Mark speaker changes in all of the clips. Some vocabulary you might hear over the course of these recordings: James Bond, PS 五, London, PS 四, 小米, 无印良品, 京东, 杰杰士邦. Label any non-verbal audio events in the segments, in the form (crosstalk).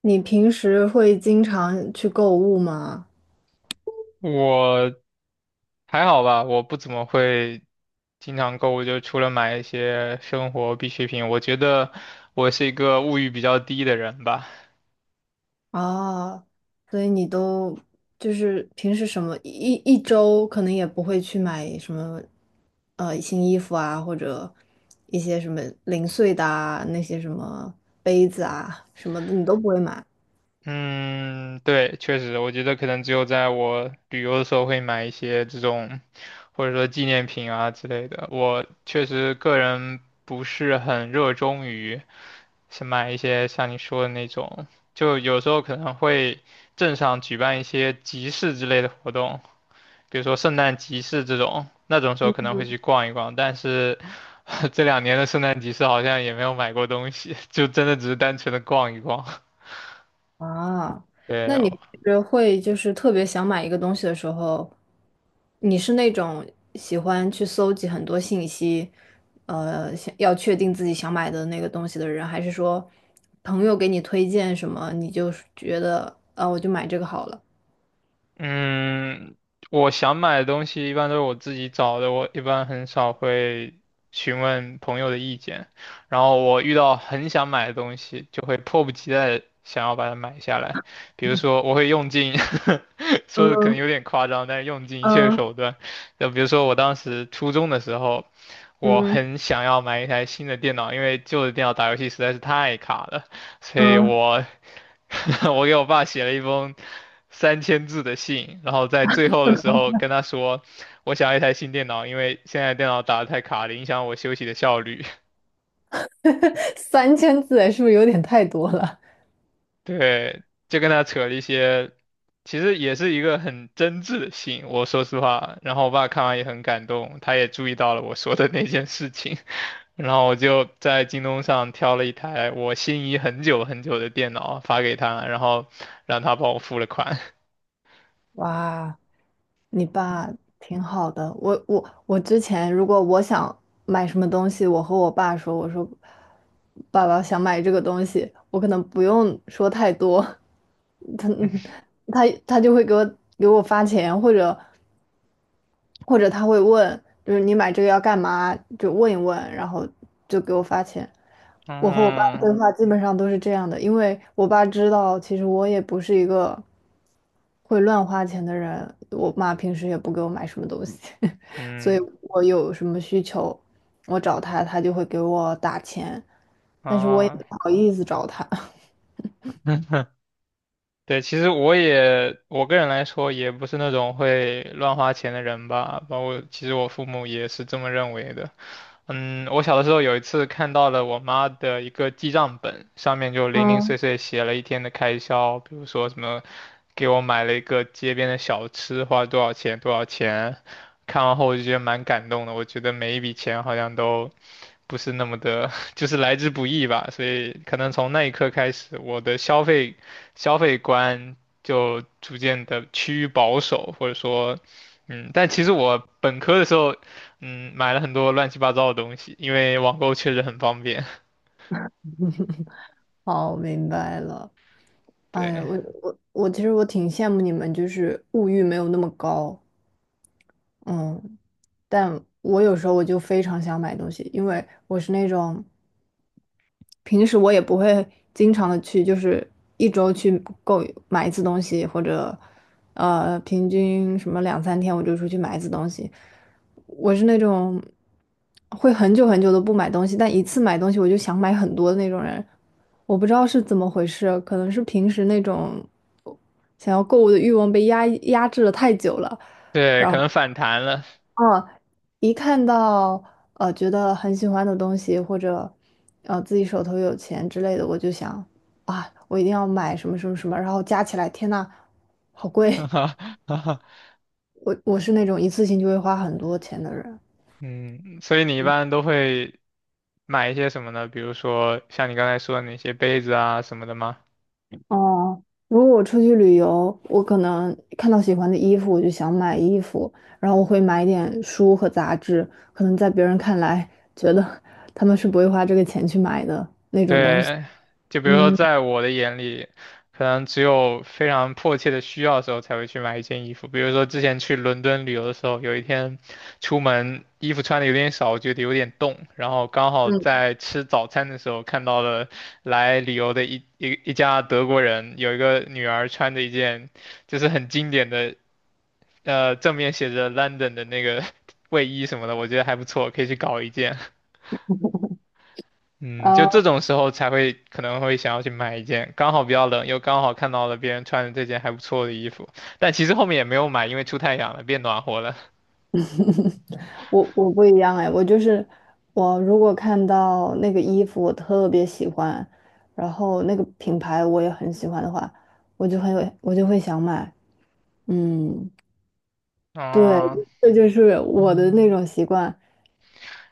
Speaker 1: 你平时会经常去购物吗？
Speaker 2: 我还好吧，我不怎么会经常购物，就除了买一些生活必需品，我觉得我是一个物欲比较低的人吧。
Speaker 1: 哦，所以你都就是平时什么一周可能也不会去买什么新衣服啊，或者一些什么零碎的啊，那些什么杯子啊什么的，你都不会买。
Speaker 2: 嗯，对，确实，我觉得可能只有在我旅游的时候会买一些这种，或者说纪念品啊之类的。我确实个人不是很热衷于是买一些像你说的那种，就有时候可能会镇上举办一些集市之类的活动。比如说圣诞集市这种，那种时候可能会去逛一逛，但是 (laughs) 这两年的圣诞集市好像也没有买过东西，就真的只是单纯的逛一逛。(laughs)
Speaker 1: 啊，那
Speaker 2: 对，
Speaker 1: 你平时会就是特别想买一个东西的时候，你是那种喜欢去搜集很多信息，想要确定自己想买的那个东西的人，还是说朋友给你推荐什么，你就觉得啊，我就买这个好了？
Speaker 2: 嗯，我想买的东西一般都是我自己找的，我一般很少会询问朋友的意见。然后我遇到很想买的东西，就会迫不及待地想要把它买下来。比如说，我会用尽，(laughs) 说的可能
Speaker 1: 嗯
Speaker 2: 有点夸张，但是用尽一切
Speaker 1: 嗯
Speaker 2: 手段。就比如说，我当时初中的时候，我
Speaker 1: 嗯，
Speaker 2: 很想要买一台新的电脑，因为旧的电脑打游戏实在是太卡了。所以
Speaker 1: 嗯，
Speaker 2: 我 (laughs) 我给我爸写了一封3000字的信，然后在最后的时候跟他说，我想要一台新电脑，因为现在电脑打得太卡了，影响我休息的效率。
Speaker 1: (laughs) 3000字是不是有点太多了？
Speaker 2: (laughs) 对，就跟他扯了一些，其实也是一个很真挚的信，我说实话。然后我爸看完也很感动，他也注意到了我说的那件事情，(laughs) 然后我就在京东上挑了一台我心仪很久很久的电脑发给他，然后让他帮我付了款。(laughs)
Speaker 1: (laughs) 哇，你爸挺好的，我之前如果我想买什么东西，我和我爸说，我说爸爸想买这个东西，我可能不用说太多，(laughs) 他就会给我发钱，或者他会问，就是你买这个要干嘛，就问一问，然后就给我发钱。我和我爸
Speaker 2: 嗯，
Speaker 1: 对话基本上都是这样的，因为我爸知道，其实我也不是一个会乱花钱的人，我妈平时也不给我买什么东西，(laughs) 所以
Speaker 2: 嗯
Speaker 1: 我有什么需求，我找他，他就会给我打钱，但是我也
Speaker 2: 啊，
Speaker 1: 不好意思找他。(laughs)
Speaker 2: (laughs) 对，其实我个人来说也不是那种会乱花钱的人吧，包括其实我父母也是这么认为的。嗯，我小的时候有一次看到了我妈的一个记账本，上面就零零碎
Speaker 1: 嗯，
Speaker 2: 碎写了一天的开销，比如说什么给我买了一个街边的小吃，花了多少钱多少钱。看完后我就觉得蛮感动的，我觉得每一笔钱好像都不是那么的，(laughs) 就是来之不易吧，所以可能从那一刻开始，我的消费观就逐渐的趋于保守，或者说。嗯，但其实我本科的时候嗯，买了很多乱七八糟的东西，因为网购确实很方便。
Speaker 1: 好，明白了。
Speaker 2: (laughs)
Speaker 1: 哎呀，
Speaker 2: 对
Speaker 1: 我我我其实我挺羡慕你们，就是物欲没有那么高，嗯，但我有时候我就非常想买东西，因为我是那种。平时我也不会经常的去，就是一周去购买一次东西，或者平均什么2、3天我就出去买一次东西。我是那种会很久很久都不买东西，但一次买东西我就想买很多的那种人。我不知道是怎么回事，可能是平时那种想要购物的欲望被压抑压制了太久了，
Speaker 2: 对，
Speaker 1: 然
Speaker 2: 可
Speaker 1: 后。
Speaker 2: 能反弹了，
Speaker 1: 嗯，一看到觉得很喜欢的东西，或者自己手头有钱之类的，我就想啊，我一定要买什么什么什么，然后加起来，天呐，好贵！
Speaker 2: (laughs)
Speaker 1: (laughs) 我是那种一次性就会花很多钱的人。
Speaker 2: 嗯，所以你一般都会买一些什么呢？比如说像你刚才说的那些杯子啊什么的吗？
Speaker 1: 哦，如果我出去旅游，我可能看到喜欢的衣服，我就想买衣服，然后我会买一点书和杂志，可能在别人看来觉得 (laughs) 他们是不会花这个钱去买的那种东西。
Speaker 2: 对，就比如说，
Speaker 1: 嗯
Speaker 2: 在我的眼里，可能只有非常迫切的需要的时候才会去买一件衣服。比如说，之前去伦敦旅游的时候，有一天出门衣服穿的有点少，我觉得有点冻，然后刚好
Speaker 1: 嗯。
Speaker 2: 在吃早餐的时候看到了来旅游的一家德国人，有一个女儿穿着一件就是很经典的，正面写着 London 的那个 (laughs) 卫衣什么的，我觉得还不错，可以去搞一件。嗯，就这种时候才会可能会想要去买一件，刚好比较冷，又刚好看到了别人穿的这件还不错的衣服，但其实后面也没有买，因为出太阳了，变暖和了。
Speaker 1: 我不一样哎，我就是我如果看到那个衣服我特别喜欢，然后那个品牌我也很喜欢的话，我就会想买。嗯，对，
Speaker 2: 啊，
Speaker 1: 这就是我的那种习惯。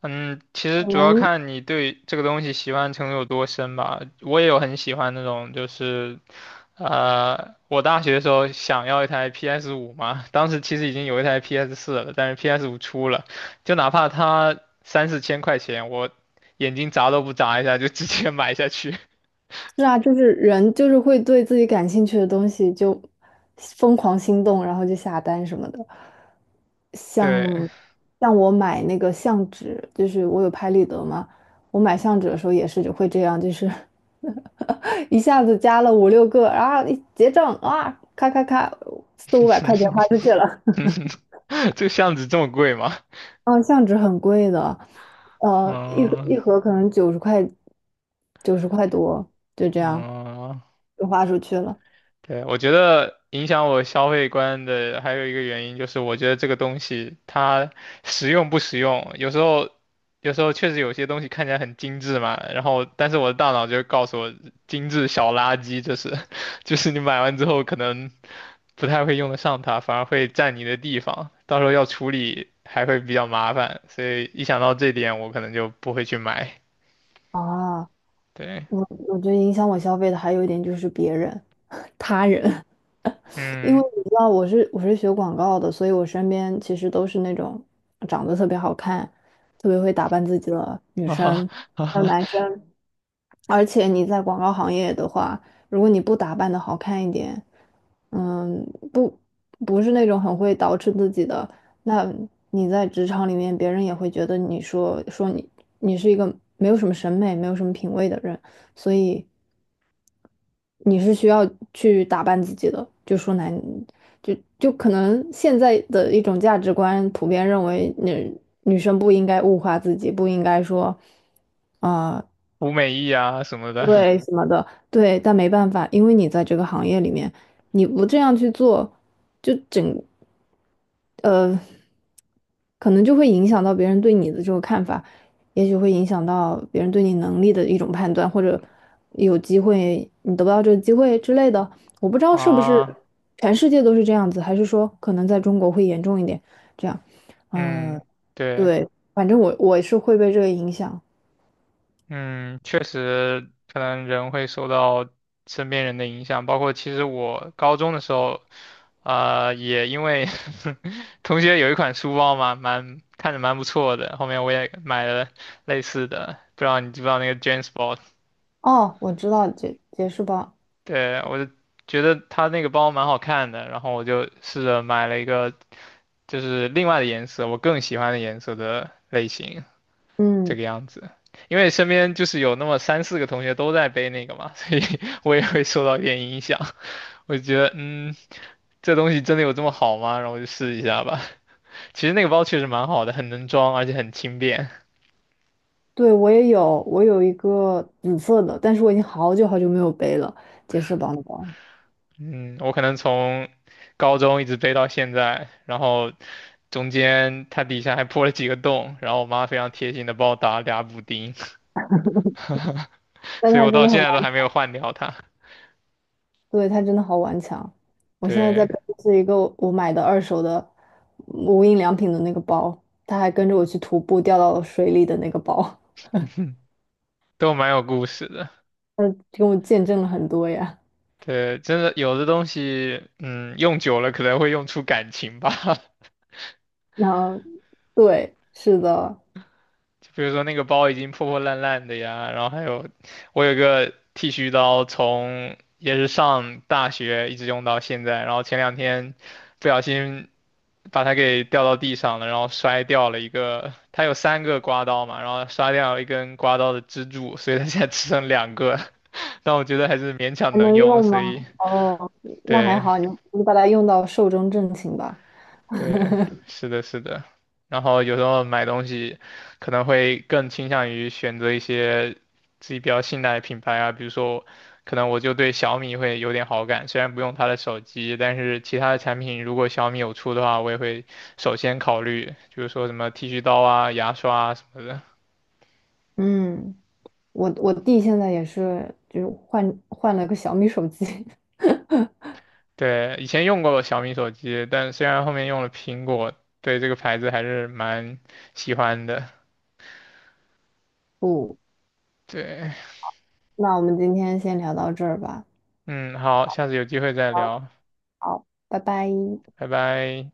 Speaker 2: 嗯，其实
Speaker 1: 可
Speaker 2: 主要
Speaker 1: 能
Speaker 2: 看你对这个东西喜欢程度有多深吧。我也有很喜欢那种，就是，我大学的时候想要一台 PS 五嘛，当时其实已经有一台 PS4了，但是 PS 五出了，就哪怕它三四千块钱，我眼睛眨都不眨一下就直接买下去。
Speaker 1: 是啊，就是人就是会对自己感兴趣的东西就疯狂心动，然后就下单什么的。
Speaker 2: 对，
Speaker 1: 像像我买那个相纸，就是我有拍立得嘛，我买相纸的时候也是就会这样，就是 (laughs) 一下子加了5、6个，然后一结账啊，咔咔咔，4、500块钱花出去了。(laughs)
Speaker 2: (laughs) 这个巷子这么贵吗？
Speaker 1: 嗯，相纸很贵的，一盒
Speaker 2: 嗯
Speaker 1: 一盒可能九十块，九十块多，就这样
Speaker 2: 嗯，
Speaker 1: 就花出去了。
Speaker 2: 对，我觉得影响我消费观的还有一个原因就是，我觉得这个东西它实用不实用，有时候，确实有些东西看起来很精致嘛，然后但是我的大脑就告诉我，精致小垃圾，这是，(laughs) 就是你买完之后可能不太会用得上它，反而会占你的地方，到时候要处理还会比较麻烦，所以一想到这点，我可能就不会去买。
Speaker 1: 啊。
Speaker 2: 对，
Speaker 1: 我我觉得影响我消费的还有一点就是别人、他人，(laughs) 因为
Speaker 2: 嗯，
Speaker 1: 你知道我是学广告的，所以我身边其实都是那种长得特别好看、特别会打扮自己的
Speaker 2: (laughs)
Speaker 1: 女
Speaker 2: 哈哈
Speaker 1: 生，
Speaker 2: 哈
Speaker 1: 还有
Speaker 2: 哈，
Speaker 1: 男生。而且你在广告行业的话，如果你不打扮的好看一点，嗯，不不是那种很会捯饬自己的，那你在职场里面，别人也会觉得你说说你你是一个没有什么审美、没有什么品味的人，所以。你是需要去打扮自己的。就说男，就可能现在的一种价值观普遍认为女生不应该物化自己，不应该说啊、
Speaker 2: 无美意啊什么的
Speaker 1: 对什么的，对，但没办法，因为你在这个行业里面，你不这样去做，就整呃可能就会影响到别人对你的这个看法，也许会影响到别人对你能力的一种判断，或者有机会你得不到这个机会之类的。我不知道是不是
Speaker 2: 啊。
Speaker 1: 全世界都是这样子，还是说可能在中国会严重一点。这样，呃，
Speaker 2: 嗯，对，
Speaker 1: 对，反正我是会被这个影响。
Speaker 2: 嗯，确实，可能人会受到身边人的影响，包括其实我高中的时候，也因为 (laughs) 同学有一款书包嘛，蛮看着蛮不错的，后面我也买了类似的，不知道你知不知道那个 James Bond?
Speaker 1: 哦，我知道杰士邦，
Speaker 2: 对，我就觉得他那个包蛮好看的，然后我就试着买了一个就是另外的颜色，我更喜欢的颜色的类型，这
Speaker 1: 嗯，
Speaker 2: 个样子。因为身边就是有那么三四个同学都在背那个嘛，所以 (laughs) 我也会受到一点影响。我就觉得，嗯，这东西真的有这么好吗？然后我就试一下吧。其实那个包确实蛮好的，很能装，而且很轻便。
Speaker 1: 对，我也有，我有一个紫色的，但是我已经好久好久没有背了杰士邦的包，
Speaker 2: 嗯，我可能从高中一直背到现在，然后中间它底下还破了几个洞，然后我妈非常贴心的帮我打了俩补丁，(laughs)
Speaker 1: 但
Speaker 2: 所以
Speaker 1: 它
Speaker 2: 我
Speaker 1: 真
Speaker 2: 到
Speaker 1: 的很。
Speaker 2: 现在都还没有换掉它。
Speaker 1: 对，它真的好顽强。我现在在
Speaker 2: 对，
Speaker 1: 背的是一个我买的二手的无印良品的那个包，它还跟着我去徒步掉到了水里的那个包，
Speaker 2: 都蛮有故事的。
Speaker 1: (laughs) 跟我见证了很多呀。
Speaker 2: 对，真的有的东西，嗯，用久了可能会用出感情吧。(laughs)
Speaker 1: 然后，对，是的，
Speaker 2: 就比如说那个包已经破破烂烂的呀，然后还有我有个剃须刀从，也是上大学一直用到现在，然后前两天不小心把它给掉到地上了，然后摔掉了一个，它有三个刮刀嘛，然后摔掉了一根刮刀的支柱，所以它现在只剩两个，(laughs) 但我觉得还是勉强
Speaker 1: 还
Speaker 2: 能
Speaker 1: 能
Speaker 2: 用，
Speaker 1: 用
Speaker 2: 所
Speaker 1: 吗？
Speaker 2: 以
Speaker 1: 哦，那还
Speaker 2: 对。
Speaker 1: 好，你把它用到寿终正寝吧。
Speaker 2: 对，是的，是的。然后有时候买东西可能会更倾向于选择一些自己比较信赖的品牌啊，比如说，可能我就对小米会有点好感，虽然不用它的手机，但是其他的产品如果小米有出的话，我也会首先考虑，就是说什么剃须刀啊、牙刷啊什么的。
Speaker 1: 嗯，我弟现在也是，就是换了个小米手机。
Speaker 2: 对，以前用过小米手机，但虽然后面用了苹果，对这个牌子还是蛮喜欢的。
Speaker 1: (laughs) 不，
Speaker 2: 对，
Speaker 1: 那我们今天先聊到这儿吧。
Speaker 2: 嗯，好，下次有机会再
Speaker 1: 好，
Speaker 2: 聊，
Speaker 1: 好，拜拜。
Speaker 2: 拜拜。